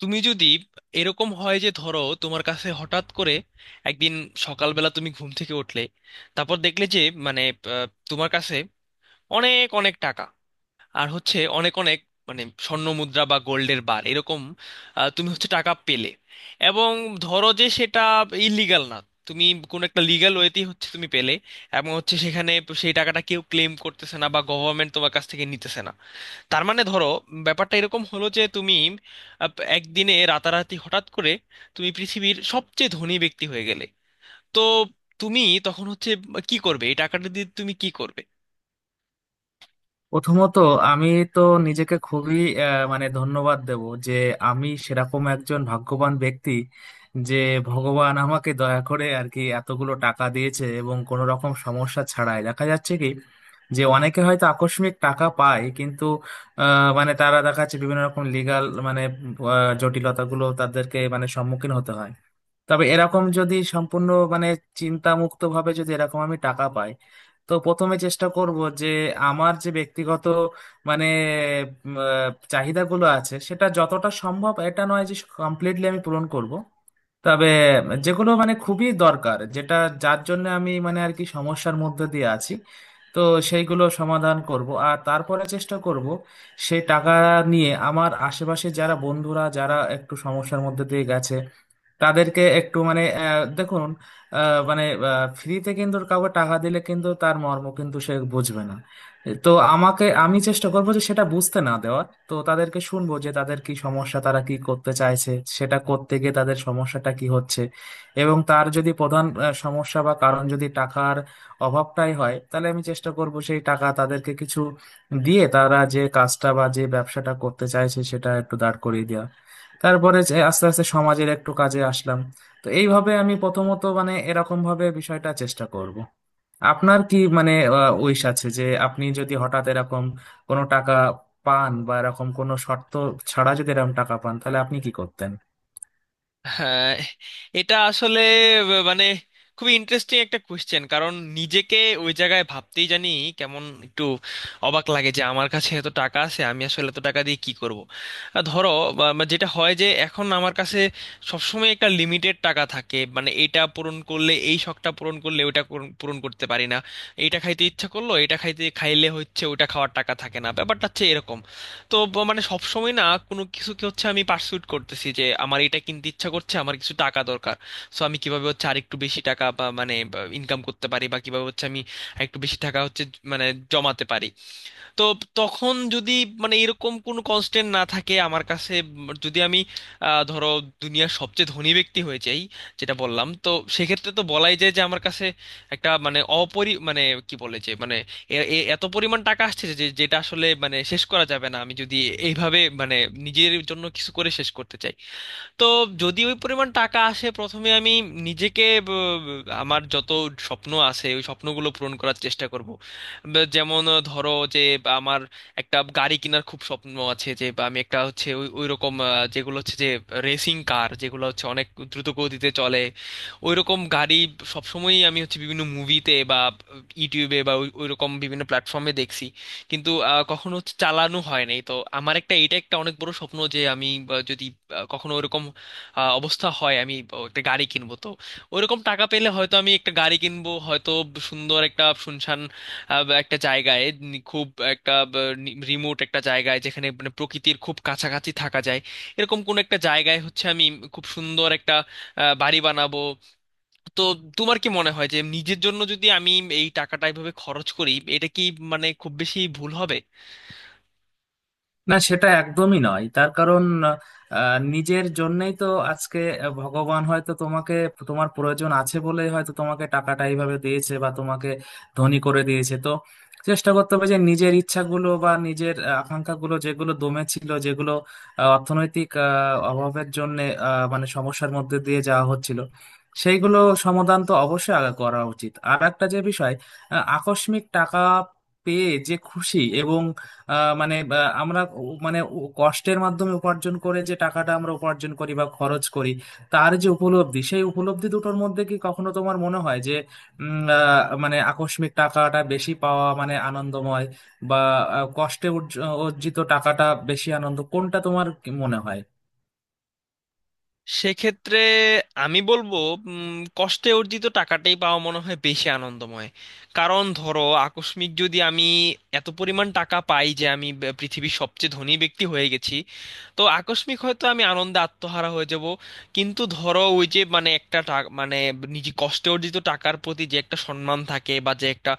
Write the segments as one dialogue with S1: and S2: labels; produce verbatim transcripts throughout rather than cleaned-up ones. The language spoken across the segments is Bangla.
S1: তুমি যদি এরকম হয় যে ধরো তোমার কাছে হঠাৎ করে একদিন সকালবেলা তুমি ঘুম থেকে উঠলে, তারপর দেখলে যে মানে আহ, তোমার কাছে অনেক অনেক টাকা আর হচ্ছে অনেক অনেক মানে স্বর্ণ মুদ্রা বা গোল্ডের বার এরকম, আহ, তুমি হচ্ছে টাকা পেলে, এবং ধরো যে সেটা ইলিগাল না, তুমি কোন একটা লিগ্যাল ওয়েতেই হচ্ছে তুমি পেলে, এবং হচ্ছে সেখানে সেই টাকাটা কেউ ক্লেম করতেছে না বা গভর্নমেন্ট তোমার কাছ থেকে নিতেছে না। তার মানে ধরো ব্যাপারটা এরকম হলো যে তুমি আহ, একদিনে রাতারাতি হঠাৎ করে তুমি পৃথিবীর সবচেয়ে ধনী ব্যক্তি হয়ে গেলে। তো তুমি তখন হচ্ছে কি করবে, এই টাকাটা দিয়ে তুমি কি করবে?
S2: প্রথমত আমি তো নিজেকে খুবই আহ, মানে ধন্যবাদ দেব যে আমি সেরকম একজন ভাগ্যবান ব্যক্তি যে ভগবান আমাকে দয়া করে আর কি এতগুলো টাকা দিয়েছে, এবং কোনো রকম সমস্যা ছাড়াই দেখা যাচ্ছে কি যে অনেকে হয়তো আকস্মিক টাকা পায়, কিন্তু আহ, মানে তারা দেখা যাচ্ছে বিভিন্ন রকম লিগাল মানে আহ, জটিলতাগুলো তাদেরকে মানে সম্মুখীন হতে হয়। তবে এরকম যদি সম্পূর্ণ মানে চিন্তামুক্ত ভাবে যদি এরকম আমি টাকা পাই, তো প্রথমে চেষ্টা করব যে আমার যে ব্যক্তিগত মানে উম, আহ, চাহিদাগুলো আছে, সেটা যতটা সম্ভব, এটা নয় যে কমপ্লিটলি আমি পূরণ করব, তবে যেগুলো মানে খুবই দরকার, যেটা যার জন্য আমি মানে আর কি সমস্যার মধ্যে দিয়ে আছি, তো সেইগুলো সমাধান করব। আর তারপরে চেষ্টা করব সেই টাকা নিয়ে আমার আশেপাশে যারা বন্ধুরা যারা একটু সমস্যার মধ্যে দিয়ে গেছে, তাদেরকে একটু মানে আহ, দেখুন, আহ, মানে ফ্রিতে কিন্তু কাউকে টাকা দিলে কিন্তু তার মর্ম কিন্তু সে বুঝবে না। তো আমাকে আমি চেষ্টা করবো যে সেটা বুঝতে না দেওয়ার, তো তাদেরকে শুনবো যে তাদের কি সমস্যা, তারা কি করতে চাইছে, সেটা করতে গিয়ে তাদের সমস্যাটা কি হচ্ছে। এবং তার যদি প্রধান আহ, সমস্যা বা কারণ যদি টাকার অভাবটাই হয়, তাহলে আমি চেষ্টা করব সেই টাকা তাদেরকে কিছু দিয়ে তারা যে কাজটা বা যে ব্যবসাটা করতে চাইছে সেটা একটু দাঁড় করিয়ে দেওয়া, তারপরে যে আস্তে আস্তে সমাজের একটু কাজে আসলাম। তো এইভাবে আমি প্রথমত মানে এরকম ভাবে বিষয়টা চেষ্টা করব। আপনার কি মানে উইশ আছে যে আপনি যদি হঠাৎ এরকম কোনো টাকা পান, বা এরকম কোনো শর্ত ছাড়া যদি এরকম টাকা পান, তাহলে আপনি কি করতেন?
S1: হ্যাঁ, এটা আসলে ব- মানে খুবই ইন্টারেস্টিং একটা কোয়েশ্চেন, কারণ নিজেকে ওই জায়গায় ভাবতেই জানি কেমন একটু অবাক লাগে যে আমার কাছে এত টাকা আছে, আমি আসলে এত টাকা দিয়ে কি করব। আহ, ধরো বা- বা যেটা হয় যে এখন আমার কাছে সবসময় একটা লিমিটেড টাকা থাকে, মানে এটা পূরণ করলে এই শখটা পূরণ করলে ওটা পূরণ পূরণ করতে পারি না। এটা খাইতে ইচ্ছা করলো, এটা খাইতে খাইলে হচ্ছে ওটা খাওয়ার টাকা থাকে না, ব্যাপারটা হচ্ছে এরকম। তো ব- মানে সবসময় না কোনো কিছুকে হচ্ছে আমি পার্সুট করতেছি যে আমার এটা কিনতে ইচ্ছা করছে, আমার কিছু টাকা দরকার। সো আমি কিভাবে হচ্ছে আরেকটু বেশি টাকা বা মানে ইনকাম করতে পারি, বা কিভাবে হচ্ছে আমি একটু বেশি টাকা হচ্ছে জ- মানে জমাতে পারি। তো তখন যদি মানে এরকম কোনো কনস্ট্যান্ট না থাকে আমার কাছে, উম, যদি আমি আহ, ধরো দুনিয়ার সবচেয়ে ধনী ব্যক্তি হয়ে যাই, যেটা বললাম তো, সেক্ষেত্রে তো বলাই যায় যে আমার কাছে একটা মানে অপরি মানে কি বলে যে মানে এ- এ- এত পরিমাণ টাকা আসছে যে যেটা আসলে মানে শেষ করা যাবে না আমি যদি এইভাবে মানে নিজের জন্য কিছু করে শেষ করতে চাই। তো যদি ওই পরিমাণ টাকা আসে, প্রথমে আমি নিজেকে ব- ব- আমার যত স্বপ্ন আছে ওই স্বপ্নগুলো পূরণ করার চেষ্টা করব। ব- যেমন আহ, ধরো যে বা আমার একটা গাড়ি কেনার খুব স্বপ্ন আছে, যে বা আমি একটা হচ্ছে ওই ওই রকম আহ, যেগুলো হচ্ছে যে রেসিং কার যেগুলো হচ্ছে অনেক দ্রুত গতিতে চলে, ওই রকম গাড়ি সবসময়ই আমি হচ্ছে বিভিন্ন মুভিতে বা ইউটিউবে বা ওই ওই রকম বিভিন্ন প্ল্যাটফর্মে দেখছি, কিন্তু আহ, কখনো চালানো হয় নাই। তো আমার একটা, এটা একটা অনেক বড় স্বপ্ন যে আমি আহ, যদি আহ, কখনো ওরকম আহ, অবস্থা হয়, আমি আহ, একটা গাড়ি কিনবো। তো ওরকম টাকা পেলে হয়তো আমি একটা গাড়ি কিনবো, হয়তো সুন্দর একটা শুনশান আহ, বা একটা জায়গায় নি- খুব একটা রিমোট একটা জায়গায় যেখানে মানে প্রকৃতির খুব কাছাকাছি থাকা যায়, এরকম কোন একটা জায়গায় হচ্ছে আমি খুব সুন্দর একটা আহ, বাড়ি বানাবো। তো তোমার কি মনে হয় যে নিজের জন্য যদি আমি এই টাকাটা এভাবে খরচ করি, এটা কি মানে খুব বেশি ভুল হবে?
S2: না, সেটা একদমই নয়। তার কারণ, আহ, নিজের জন্যই তো আজকে ভগবান হয়তো তোমাকে, তোমার প্রয়োজন আছে বলেই হয়তো তোমাকে টাকাটা এইভাবে দিয়েছে বা তোমাকে ধনী করে দিয়েছে। তো চেষ্টা করতে হবে যে নিজের ইচ্ছাগুলো বা নিজের আহ, আকাঙ্ক্ষাগুলো যেগুলো দমে ছিল, যেগুলো আহ, অর্থনৈতিক আহ, অভাবের জন্য আহ, মানে সমস্যার মধ্যে দিয়ে যাওয়া হচ্ছিল, সেইগুলো সমাধান তো অবশ্যই আগে করা উচিত। আর একটা যে বিষয়, আহ, আকস্মিক টাকা পেয়ে যে খুশি, এবং আহ, মানে বা আমরা উ- মানে উ- কষ্টের মাধ্যমে উপার্জন করে যে টাকাটা আমরা উপার্জন করি বা খরচ করি, তার যে উপলব্ধি, সেই উপলব্ধি দুটোর মধ্যে কি কখনো তোমার মনে হয় যে উম, আহ, মানে আকস্মিক টাকাটা বেশি পাওয়া মানে আনন্দময়, বা আহ, কষ্টে উর্জ- অর্জিত টাকাটা বেশি আনন্দ, কোনটা তোমার কি মনে হয়?
S1: সেক্ষেত্রে আমি বলবো উম, কষ্টে অর্জিত টাকাটাই পাওয়া মনে হয় বেশি আনন্দময়। কারণ ধরো আকস্মিক যদি আমি এত পরিমাণ টাকা পাই যে আমি ব- পৃথিবীর সবচেয়ে ধনী ব্যক্তি হয়ে গেছি, তো আকস্মিক হয়তো আমি আনন্দে আত্মহারা হয়ে যাব। কিন্তু ধরো ওই যে মানে একটা টা- মানে নিজে কষ্টে অর্জিত টাকার প্রতি যে একটা সম্মান থাকে বা যে একটা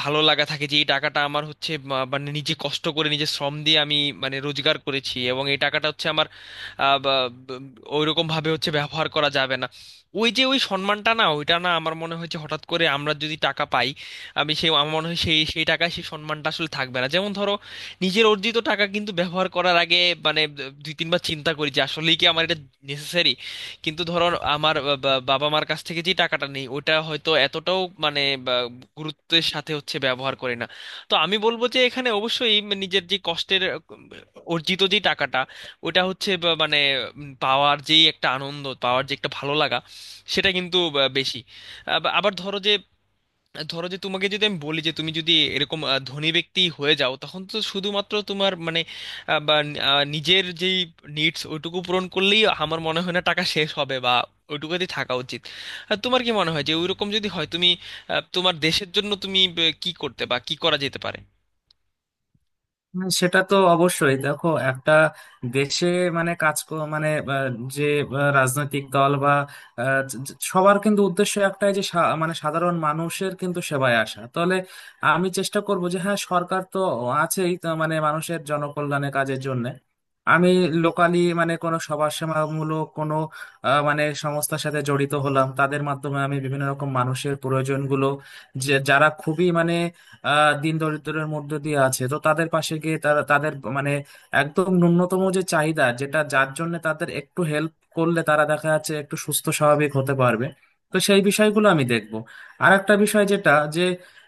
S1: ভালো লাগা থাকে যে এই টাকাটা আমার হচ্ছে বা- মানে নিজে কষ্ট করে নিজে শ্রম দিয়ে আমি মানে রোজগার করেছি এবং এই টাকাটা হচ্ছে আমার, আহ, বা ওইরকম ভাবে হচ্ছে ব্যবহার করা যাবে না, ওই যে ওই সম্মানটা, না ওইটা না, আমার মনে হচ্ছে হঠাৎ করে আমরা যদি টাকা পাই আমি সেই, আমার মনে হয় সেই সেই টাকায় সেই সম্মানটা আসলে থাকবে না। যেমন ধরো নিজের অর্জিত টাকা কিন্তু ব্যবহার করার আগে মানে দুই তিনবার চিন্তা করি যে আসলেই কি আমার এটা নেসেসারি। কিন্তু ধরো আমার বা- বা- বাবা মার কাছ থেকে যে টাকাটা নেই ওটা হয়তো এতটাও মানে বা গুরুত্বের সাথে হচ্ছে ব্যবহার করে না। তো আমি বলবো যে এখানে অবশ্যই নিজের যে কষ্টের আহ, অর্জিত যে টাকাটা ওটা হচ্ছে বা- মানে উম, পাওয়ার যেই একটা আনন্দ, পাওয়ার যে একটা ভালো লাগা সেটা কিন্তু আহ, বেশি। আব- আবার ধরো যে, ধরো যে তোমাকে যদি আমি বলি যে তুমি যদি এরকম আহ, ধনী ব্যক্তি হয়ে যাও, তখন তো শুধুমাত্র তোমার মানে আহ, বা নি- আহ, নিজের যেই নিডস ওইটুকু পূরণ করলেই আমার মনে হয় না টাকা শেষ হবে বা ওইটুকুতে থাকা উচিত। আর তোমার কি মনে হয় যে ওইরকম যদি হয় তুমি আহ, তোমার দেশের জন্য তুমি আহ, কি করতে বা কি করা যেতে পারে?
S2: হ্যাঁ, সেটা তো অবশ্যই। দেখো একটা দেশে মানে কাজ ক- মানে আহ, যে আহ, রাজনৈতিক দল বা আহ, য- য- সবার কিন্তু উদ্দেশ্য একটাই, যে সা- মানে সাধারণ মানুষের কিন্তু সেবায় আসা। তাহলে আমি চেষ্টা করব যে হ্যাঁ, সরকার তো আছেই তো মানে মানুষের জনকল্যাণে কাজের জন্য, আমি লোকালি মানে কোনো সমাজসেবামূলক কোনো আহ, মানে সংস্থার সাথে জড়িত হলাম, তাদের মাধ্যমে আমি বিভিন্ন রকম মানুষের প্রয়োজনগুলো, যে যারা খুবই মানে আহ দিন দরিদ্রের মধ্যে দিয়ে আছে, তো তাদের পাশে গিয়ে তারা তাদের মানে একদম ন্যূনতম যে চাহিদা, যেটা যার জন্য তাদের একটু হেল্প করলে তারা দেখা যাচ্ছে একটু সুস্থ স্বাভাবিক হতে পারবে, তো সেই বিষয়গুলো আমি দেখব। আর একটা বিষয় যেটা, যে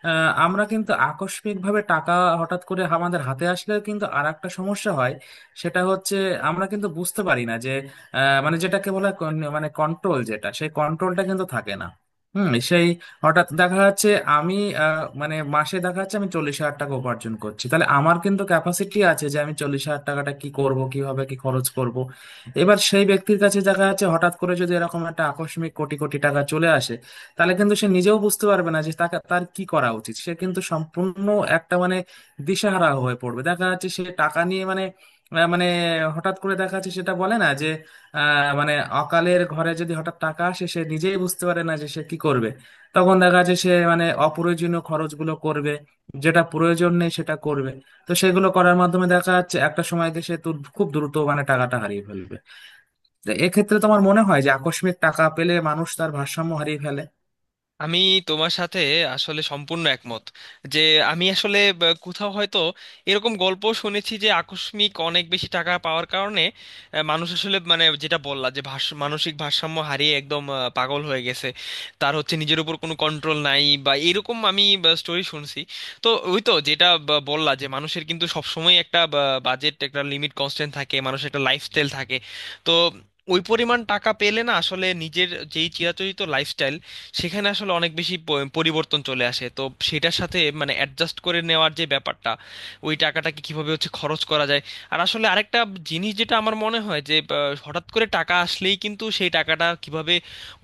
S2: আহ, আমরা কিন্তু আকস্মিক ভাবে টাকা হঠাৎ করে আমাদের হাতে আসলে কিন্তু আর একটা সমস্যা হয়, সেটা হচ্ছে আমরা কিন্তু বুঝতে পারি না যে আহ, মানে যেটাকে বলা হয় কন- মানে কন্ট্রোল, যেটা সেই কন্ট্রোলটা কিন্তু থাকে না। হুম, সেই হঠাৎ দেখা যাচ্ছে আমি আহ, মানে মাসে দেখা যাচ্ছে আমি চল্লিশ হাজার টাকা উপার্জন করছি, তাহলে আমার কিন্তু ক্যাপাসিটি আছে যে আমি চল্লিশ হাজার টাকাটা কি করব, কিভাবে কি খরচ করব। এবার সেই ব্যক্তির কাছে দেখা যাচ্ছে হঠাৎ করে যদি এরকম একটা আকস্মিক কোটি কোটি টাকা চলে আসে, তাহলে কিন্তু সে নিজেও বুঝতে পারবে না যে তাকে তার কি করা উচিত। সে কিন্তু সম্পূর্ণ একটা মানে দিশাহারা হয়ে পড়বে। দেখা যাচ্ছে সে টাকা নিয়ে মানে আহ, মানে হঠাৎ করে দেখা যাচ্ছে, সেটা বলে না যে আহ, মানে অকালের ঘরে যদি হঠাৎ টাকা আসে সে নিজেই বুঝতে পারে না যে সে কি করবে। তখন দেখা যাচ্ছে সে মানে অপ্রয়োজনীয় খরচগুলো করবে, যেটা প্রয়োজন নেই সেটা করবে। তো সেগুলো করার মাধ্যমে দেখা যাচ্ছে একটা সময় দেশে তো খুব দ্রুত মানে টাকাটা হারিয়ে ফেলবে। তো এক্ষেত্রে তোমার মনে হয় যে আকস্মিক টাকা পেলে মানুষ তার ভারসাম্য হারিয়ে ফেলে?
S1: আমি তোমার সাথে আসলে সম্পূর্ণ একমত যে, আমি আসলে ব- কোথাও হয়তো এরকম গল্প শুনেছি যে আকস্মিক অনেক বেশি টাকা পাওয়ার কারণে আহ, মানুষ আসলে মানে যেটা বললা যে ভাষ মানসিক ভারসাম্য হারিয়ে একদম আহ, পাগল হয়ে গেছে, তার হচ্ছে নিজের উপর কোনো কন্ট্রোল নাই, বা এরকম আমি স্টোরি শুনছি। তো ওই তো যেটা ব- বললা যে মানুষের কিন্তু সবসময় একটা বাজেট, একটা লিমিট, কনস্ট্যান্ট থাকে, মানুষের একটা লাইফস্টাইল থাকে। তো ওই পরিমাণ টাকা পেলে না আসলে নিজের যেই চিরাচরিত লাইফস্টাইল, সেখানে আসলে অনেক বেশি প- পরিবর্তন চলে আসে। তো সেটার সাথে মানে অ্যাডজাস্ট করে নেওয়ার যে ব্যাপারটা, ওই টাকাটাকে কিভাবে হচ্ছে খরচ করা যায়। আর আসলে আরেকটা জিনিস যেটা আমার মনে হয় যে আহ, হঠাৎ করে টাকা আসলেই কিন্তু সেই টাকাটা কিভাবে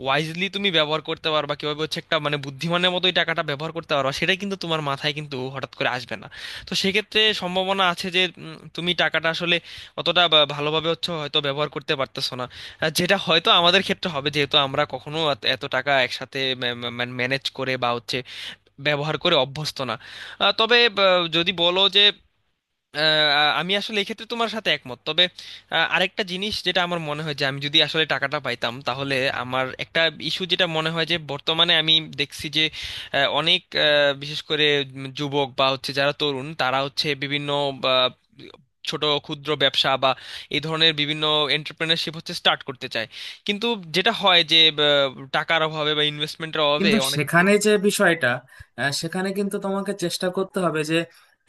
S1: ওয়াইজলি তুমি ব্যবহার করতে পারবা, কিভাবে হচ্ছে একটা মানে বুদ্ধিমানের মতোই টাকাটা ব্যবহার করতে পারবা সেটা কিন্তু তোমার মাথায় কিন্তু হঠাৎ করে আসবে না। তো সেক্ষেত্রে সম্ভাবনা আছে যে উম, তুমি টাকাটা আসলে অতটা বা- ভালোভাবে হচ্ছে হয়তো ব্যবহার করতে পারতেছো না। আর যেটা হয়তো আমাদের ক্ষেত্রে হবে, যেহেতু আমরা কখনো এত এত টাকা একসাথে ম্যানেজ করে বা হচ্ছে ব্যবহার করে অভ্যস্ত না। আহ, তবে আহ, যদি বলো যে আহ, আমি আসলে এক্ষেত্রে তোমার সাথে একমত, তবে আহ, আরেকটা জিনিস যেটা আমার মনে হয় যে আমি যদি আসলে টাকাটা পাইতাম তাহলে আমার একটা ইস্যু যেটা মনে হয়, যে বর্তমানে আমি দেখছি যে আহ, অনেক আহ, বিশেষ করে উম যুবক বা হচ্ছে যারা তরুণ, তারা হচ্ছে বিভিন্ন বা, ছোট ক্ষুদ্র ব্যবসা বা এই ধরনের বিভিন্ন এন্টারপ্রেনারশিপ হচ্ছে স্টার্ট করতে চায়, কিন্তু যেটা হয় যে আহ, টাকার অভাবে বা ইনভেস্টমেন্টের অভাবে
S2: কিন্তু
S1: অনেক
S2: সেখানে যে বিষয়টা, আহ, সেখানে কিন্তু তোমাকে চেষ্টা করতে হবে যে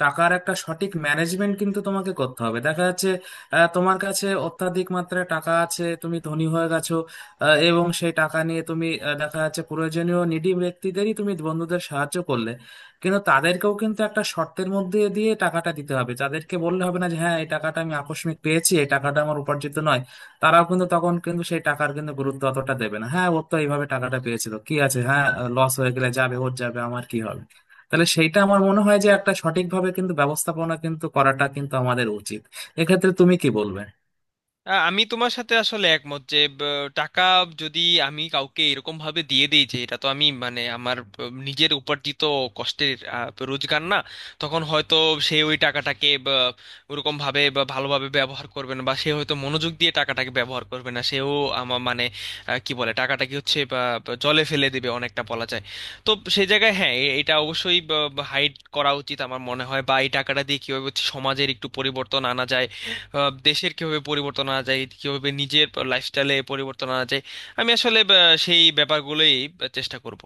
S2: টাকার একটা সঠিক ম্যানেজমেন্ট কিন্তু তোমাকে করতে হবে। দেখা যাচ্ছে আহ, তোমার কাছে অত্যাধিক মাত্রায় টাকা আছে, তুমি ধনী হয়ে গেছো, আহ, এবং সেই টাকা নিয়ে তুমি আহ, দেখা যাচ্ছে প্রয়োজনীয় নিডি ব্যক্তিদেরই, তুমি বন্ধুদের সাহায্য করলে, কিন্তু তাদেরকেও কিন্তু একটা শর্তের মধ্যে দিয়ে টাকাটা দিতে হবে। তাদেরকে বললে হবে না যে হ্যাঁ এই টাকাটা আমি আকস্মিক পেয়েছি, এই টাকাটা আমার উপার্জিত নয়। তারাও কিন্তু তখন কিন্তু সেই টাকার কিন্তু গুরুত্ব অতটা দেবে না। হ্যাঁ, ওর তো এইভাবে টাকাটা পেয়েছিল, কি আছে, হ্যাঁ লস হয়ে গেলে যাবে, ওর যাবে, আমার কি হবে। তাহলে সেইটা আমার মনে হয় যে একটা সঠিকভাবে কিন্তু ব্যবস্থাপনা কিন্তু করাটা কিন্তু আমাদের উচিত। এক্ষেত্রে তুমি কি বলবে?
S1: আ, আমি তোমার সাথে আসলে একমত যে ব, টাকা যদি আমি কাউকে এরকম ভাবে দিয়ে দিই যে এটা তো আমি মানে আমার ব, নিজের উপার্জিত কষ্টের আ, রোজগার না, তখন হয়তো সে ওই টাকাটাকে ব, ওরকম ভাবে বা ভালোভাবে ব্যবহার করবে না, বা সে হয়তো মনোযোগ দিয়ে টাকাটাকে ব্যবহার করবে না, সেও আমার মানে আ, কি বলে টাকাটাকে হচ্ছে বা, বা জলে ফেলে দেবে অনেকটা বলা যায়। তো সেই জায়গায় হ্যাঁ, এ- এটা অবশ্যই হাইড করা উচিত আমার মনে হয়, বা এই টাকাটা দিয়ে কিভাবে হচ্ছে সমাজের একটু পরিবর্তন আনা যায়, আহ, দেশের কিভাবে পরিবর্তন আনা যায়, কিভাবে নিজের লাইফস্টাইলে পরিবর্তন আনা যায়, আমি আসলে আহ, সেই ব্যাপারগুলোই আহ, চেষ্টা করব।